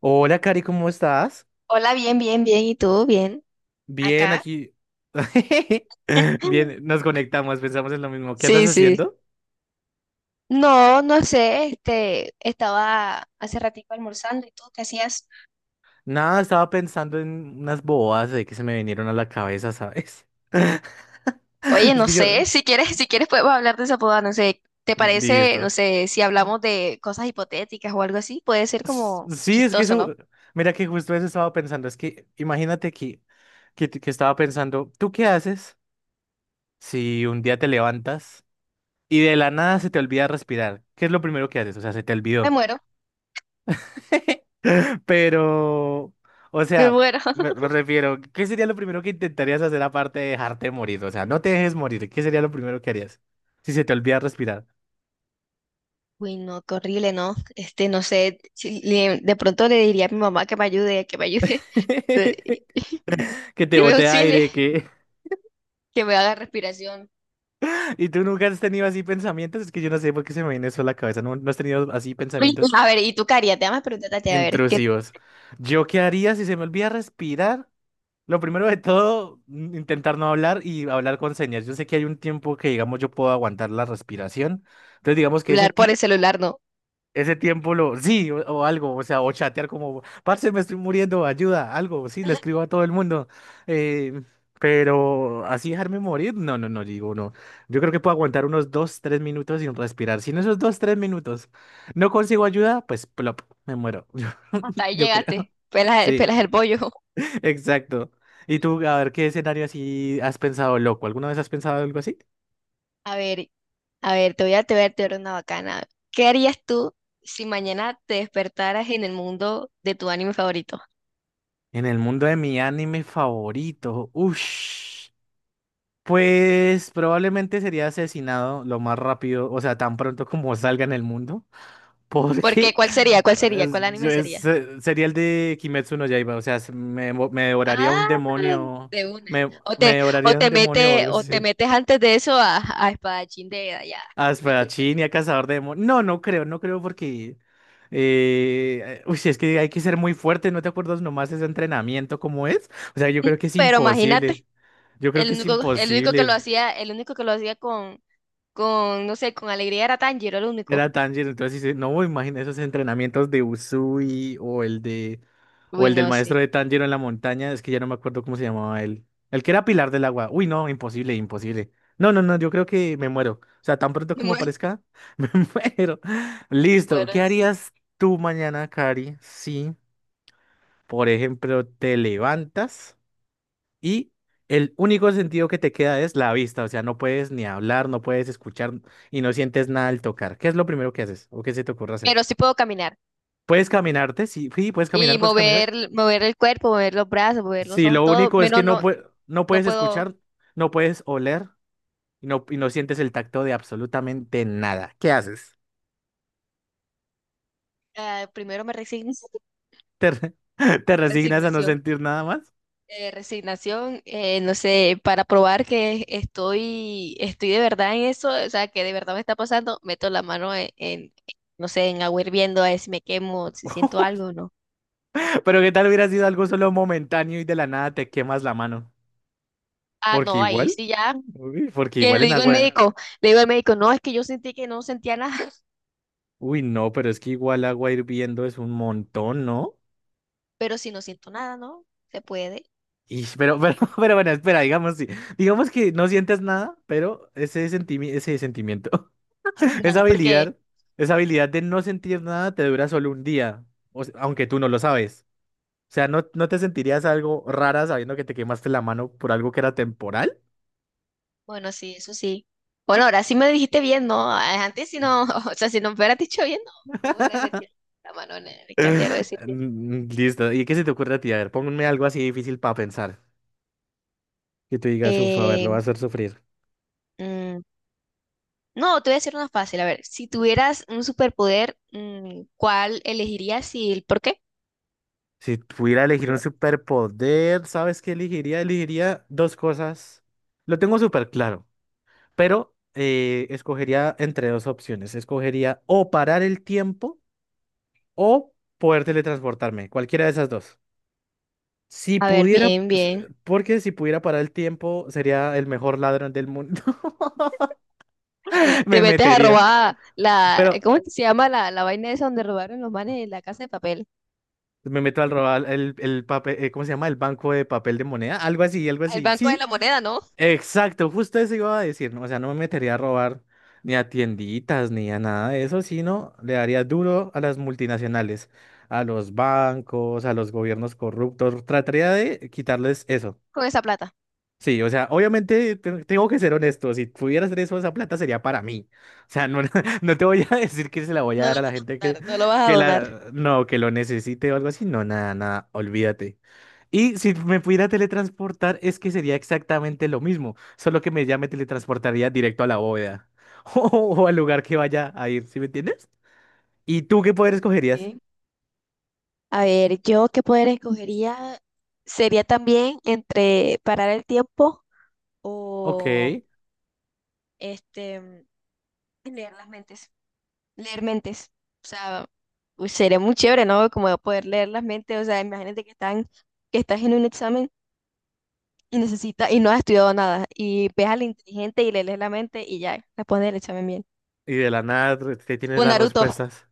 Hola, Cari, ¿cómo estás? Hola, bien, bien, bien. ¿Y tú? Bien. Bien, Acá. aquí. Bien, nos conectamos, pensamos en lo mismo. ¿Qué andas Sí, sí. haciendo? No, no sé, estaba hace ratito almorzando y tú qué hacías. Nada, estaba pensando en unas bobadas de que se me vinieron a la cabeza, ¿sabes? Oye, Es no que yo. sé, si quieres podemos hablar de esa boda, no sé, ¿te parece, no Listo. sé, si hablamos de cosas hipotéticas o algo así? Puede ser como Sí, es que chistoso, ¿no? eso. Mira que justo eso estaba pensando. Es que imagínate que estaba pensando, ¿tú qué haces si un día te levantas y de la nada se te olvida respirar? ¿Qué es lo primero que haces? O sea, se te Me olvidó. muero. Pero, o Me sea, muero. me, me refiero, ¿qué sería lo primero que intentarías hacer aparte de dejarte morir? O sea, no te dejes morir, ¿qué sería lo primero que harías? Si se te olvida respirar. Uy, no, qué horrible, ¿no? No sé, si le- de pronto le diría a mi mamá que me ayude, que Que te me bote auxilie, aire, que... que me haga respiración. ¿Y tú nunca has tenido así pensamientos? Es que yo no sé por qué se me viene eso a la cabeza. No, no has tenido así Uy, pensamientos a ver, ¿y tú qué harías? Déjame preguntarte, a ver, ¿qué intrusivos. ¿Yo qué haría si se me olvida respirar? Lo primero de todo, intentar no hablar y hablar con señas. Yo sé que hay un tiempo que, digamos, yo puedo aguantar la respiración. Entonces, digamos que ese celular por tiempo. el celular no? Ese tiempo lo, sí, o algo, o sea, o chatear como, parce, me estoy muriendo, ayuda, algo, sí, le escribo a todo el mundo. eh, pero así dejarme morir, no, no, no, digo, no. Yo creo que puedo aguantar unos dos, tres minutos sin respirar. Si en esos dos, tres minutos no consigo ayuda, pues plop, me muero. Yo, Hasta ahí yo creo. llegaste, pelas, Sí, pelas el bollo. exacto. Y tú, a ver, ¿qué escenario así has pensado, loco? ¿Alguna vez has pensado algo así? A ver, a ver, te voy a dar una bacana. ¿Qué harías tú si mañana te despertaras en el mundo de tu anime favorito? En el mundo de mi anime favorito, uff. Pues probablemente sería asesinado lo más rápido, o sea, tan pronto como salga en el mundo, Porque, porque ¿cuál sería? ¿Cuál sería? ¿Cuál anime sería? Sería el de Kimetsu no Yaiba, o sea, me, me devoraría un Ah, demonio, de una. me, O me te, devoraría un demonio o algo o te así. metes antes de eso a Espadachín de allá. Y- Asparachín y a cazador de demonios. No, no creo, no creo porque, uy, es que hay que ser muy fuerte, ¿no te acuerdas nomás ese entrenamiento cómo es? O sea, yo creo que es Pero imagínate, imposible, yo creo que es imposible. El único que lo hacía con, no sé, con alegría era Tanjiro el Era único. Tanjiro, entonces dice, no, imagina esos entrenamientos de Usui o el de o Uy, el del no, sí. maestro de Tanjiro en la montaña, es que ya no me acuerdo cómo se llamaba él. El que era Pilar del Agua. Uy, no, imposible, imposible. No, no, no, yo creo que me muero. O sea, tan pronto No como me aparezca, me muero. Listo, acuerdo ¿qué en sí. harías tú mañana, Cari? Si, por ejemplo, te levantas y el único sentido que te queda es la vista, o sea, no puedes ni hablar, no puedes escuchar y no sientes nada al tocar. ¿Qué es lo primero que haces o qué se te ocurre hacer? Pero sí puedo caminar Puedes caminarte, sí, sí, puedes y caminar, puedes caminar. Mover el cuerpo, mover los brazos, mover los Sí, ojos, lo todo. único es que Menos no, no, no no puedes puedo. escuchar, no puedes oler y no sientes el tacto de absolutamente nada. ¿Qué haces? Primero me resigno. ¿Te, te resignas a no Resignación. sentir nada más? Resignación, no sé, para probar que estoy de verdad en eso, o sea, que de verdad me está pasando, meto la mano en no sé, en agua hirviendo a ver si me quemo, si siento algo o no. Pero ¿qué tal hubiera sido algo solo momentáneo y de la nada te quemas la mano? Ah, Porque no, ahí igual, sí ya. uy, porque Que igual le en digo al agua. médico, le digo al médico, no, es que yo sentí que no sentía nada, Uy, no, pero es que igual agua hirviendo es un montón, ¿no? pero si no siento nada, ¿no? Se puede. Y, pero bueno, espera, digamos, sí. Digamos que no sientes nada, pero ese sentimiento, esa No, porque, habilidad, esa habilidad de no sentir nada te dura solo un día, o sea, aunque tú no lo sabes. O sea, ¿no, no te sentirías algo rara sabiendo que te quemaste la mano por algo que era temporal? bueno, sí, eso sí. Bueno, ahora sí me dijiste bien, ¿no? Ah, antes si no, o sea, si no me hubieras dicho bien, no, no me hubieras metido la mano en el caldero de decir bien. Listo. ¿Y qué se te ocurre a ti? A ver, ponme algo así difícil para pensar. Que tú digas, uff, a ver, lo va Eh, a hacer sufrir. mm, no, te voy a decir una fácil. A ver, si tuvieras un superpoder, ¿cuál elegirías y el por qué? Si pudiera elegir un superpoder, ¿sabes qué elegiría? Elegiría dos cosas. Lo tengo súper claro, pero escogería entre dos opciones. Escogería o parar el tiempo o poder teletransportarme, cualquiera de esas dos. Si A ver, pudiera, bien, pues, bien. porque si pudiera parar el tiempo, sería el mejor ladrón del mundo. Te Me metes a metería. robar la, Pero ¿cómo es que se llama la, la vaina esa donde robaron los manes de la casa de papel? me meto al robar el papel, ¿cómo se llama? El banco de papel de moneda, algo así, algo Al así. Banco de Sí, la Moneda, ¿no? exacto, justo eso iba a decir, ¿no? O sea, no me metería a robar ni a tienditas ni a nada de eso, sino le daría duro a las multinacionales, a los bancos, a los gobiernos corruptos. Trataría de quitarles eso. Con esa plata. Sí, o sea, obviamente tengo que ser honesto, si pudiera hacer eso, esa plata sería para mí. O sea, no, no te voy a decir que se la voy a No lo dar a vas la gente a donar, no lo vas a que donar. la, no, que lo necesite o algo así, no, nada, nada, olvídate. Y si me pudiera teletransportar, es que sería exactamente lo mismo, solo que me, ya me teletransportaría directo a la bóveda o, al lugar que vaya a ir, ¿sí me entiendes? ¿Y tú qué poder escogerías? Sí. A ver, yo qué poder escogería sería también entre parar el tiempo Ok, o y este leer las mentes. Leer mentes. O sea, uy, sería muy chévere, ¿no? Como poder leer las mentes. O sea, que estás en un examen y y no has estudiado nada. Y ves al inteligente y le lees la mente y ya, responde el examen bien. de la nada te tienes Pues las Naruto, respuestas.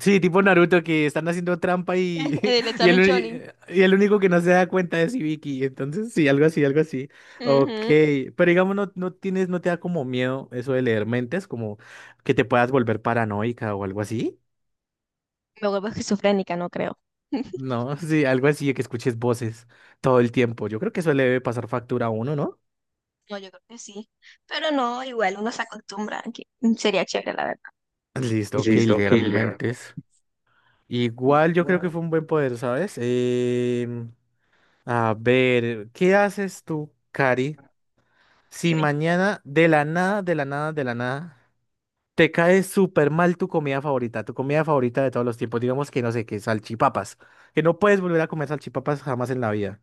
Sí, tipo Naruto que están haciendo trampa en y, el y, el, examen Shonin. y el único que no se da cuenta es Ibiki. Entonces, sí, algo así, algo así. Ok, Ujú. pero digamos, no, no tienes, no te da como miedo eso de leer mentes, como que te puedas volver paranoica o algo así. Me vuelvo esquizofrénica, no creo. No, sí, algo así de que escuches voces todo el tiempo. Yo creo que eso le debe pasar factura a uno, ¿no? No, yo creo que sí. Pero no, igual uno se acostumbra, que sería chévere, la verdad. Listo, ok, leer mentes. Igual yo creo que fue un buen poder, ¿sabes? A ver, ¿qué haces tú, Cari? Si Dime. mañana de la nada, de la nada, de la nada, te cae súper mal tu comida favorita de todos los tiempos, digamos que no sé, que salchipapas, que no puedes volver a comer salchipapas jamás en la vida.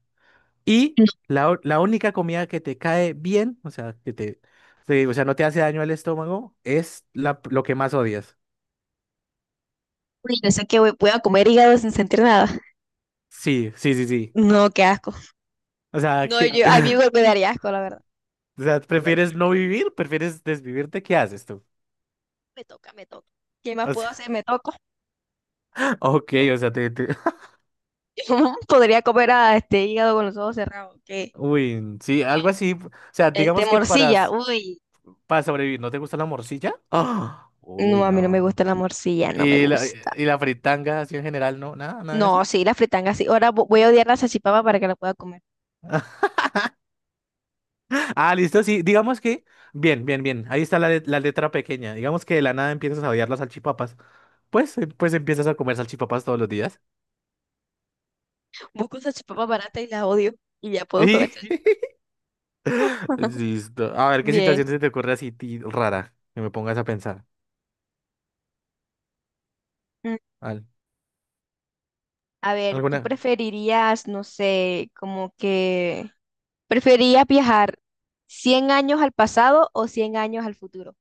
Y No, la, la única comida que te cae bien, o sea, que te, o sea, no te hace daño al estómago, es la, lo que más odias. uy, yo sé que voy a comer hígado sin sentir nada. Sí, sí, sí, sí. No, qué asco. O sea, No, que, yo, a mí me daría asco, la verdad. o sea, ¿prefieres no vivir? ¿Prefieres desvivirte? ¿Qué haces tú? Me toca. ¿Qué más O puedo sea, hacer? Me toco. ok, o sea, te, ¿Cómo podría comer a este hígado con los ojos cerrados? ¿Qué? Uy, sí, Bueno, algo así. O sea, este, digamos que para. morcilla. Uy, Para sobrevivir, ¿no te gusta la morcilla? ¡Ah! no, Uy, a mí no me no. gusta la morcilla, no me gusta. Y la fritanga así en general? ¿No? ¿Nada, nada de No, eso? sí, la fritanga sí. Ahora voy a odiar la salchipapa para que la pueda comer. Ah, listo, sí. Digamos que... Bien, bien, bien. Ahí está la, la letra pequeña. Digamos que de la nada empiezas a odiar las salchipapas. Pues, pues empiezas a comer salchipapas todos los días. Busco una salchipapa barata y la odio y ya puedo Y... comer salchipapa. Listo. A ver, ¿qué Bien. situación se te ocurre así rara? Que me pongas a pensar. Mm, Al- a ver, ¿tú ¿Alguna? preferirías, no sé, como que... ¿preferirías viajar 100 años al pasado o 100 años al futuro?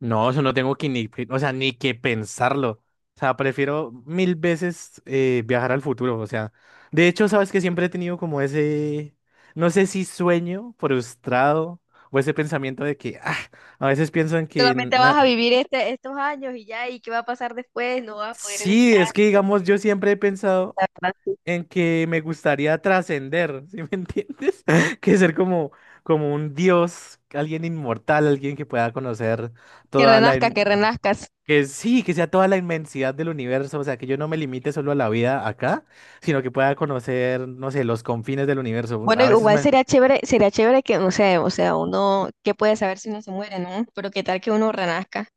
No, eso no tengo que ni, o sea, ni que pensarlo. O sea, prefiero mil veces viajar al futuro. O sea, de hecho, sabes que siempre he tenido como ese, no sé si sueño frustrado o ese pensamiento de que, ah, a veces pienso en que, Solamente vas a vivir estos años y ya, ¿y qué va a pasar después? No vas a poder sí, estar. es que digamos, yo siempre he pensado La verdad, sí. en que me gustaría trascender, ¿sí me entiendes? Que ser como, como un dios, alguien inmortal, alguien que pueda conocer Que toda la... renazca, que renazcas. Que sí, que sea toda la inmensidad del universo, o sea, que yo no me limite solo a la vida acá, sino que pueda conocer, no sé, los confines del universo. Bueno, A veces igual me... sería chévere que, no sé, o sea, uno, ¿qué puede saber si uno se muere, no? Pero qué tal que uno renazca.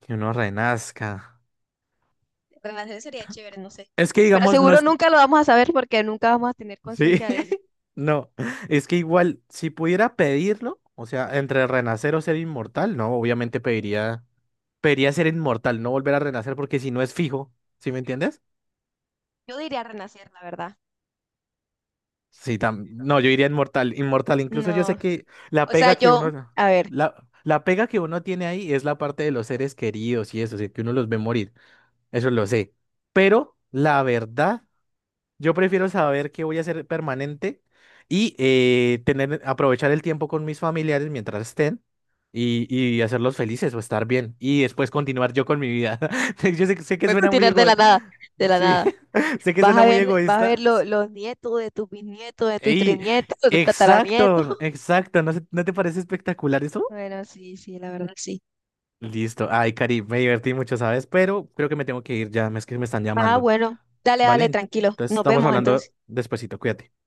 Que uno renazca. ¿Verdad? Eso sería chévere, no sé. Es que Pero digamos, no seguro es... nunca lo vamos a saber porque nunca vamos a tener Sí, conciencia de eso. no, es que igual, si pudiera pedirlo, o sea, entre renacer o ser inmortal, no, obviamente pediría... Debería ser inmortal, no volver a renacer, porque si no es fijo, ¿sí me entiendes? Yo diría renacer, la verdad. Sí, no, yo iría inmortal, inmortal. Incluso yo No, sé que o sea, yo, a ver, la, la pega que uno tiene ahí es la parte de los seres queridos y eso, o sea, que uno los ve morir, eso lo sé. Pero la verdad yo prefiero saber que voy a ser permanente y tener, aprovechar el tiempo con mis familiares mientras estén y hacerlos felices o estar bien y después continuar yo con mi vida. Yo sé, sé que voy a suena muy continuar de la egoísta. nada, de la Sí, nada. sé que suena muy Vas a ver egoísta. Los nietos de tus bisnietos, de tus Y trinietos, de tus tataranietos. exacto, exacto. ¿No, no te parece espectacular eso? Bueno, sí, sí, la verdad, sí. Listo. Ay, Cari, me divertí mucho, ¿sabes? Pero creo que me tengo que ir ya, es que me están Ah, llamando. bueno, dale, ¿Vale? dale, tranquilo. Entonces Nos estamos vemos entonces. hablando despuesito, cuídate.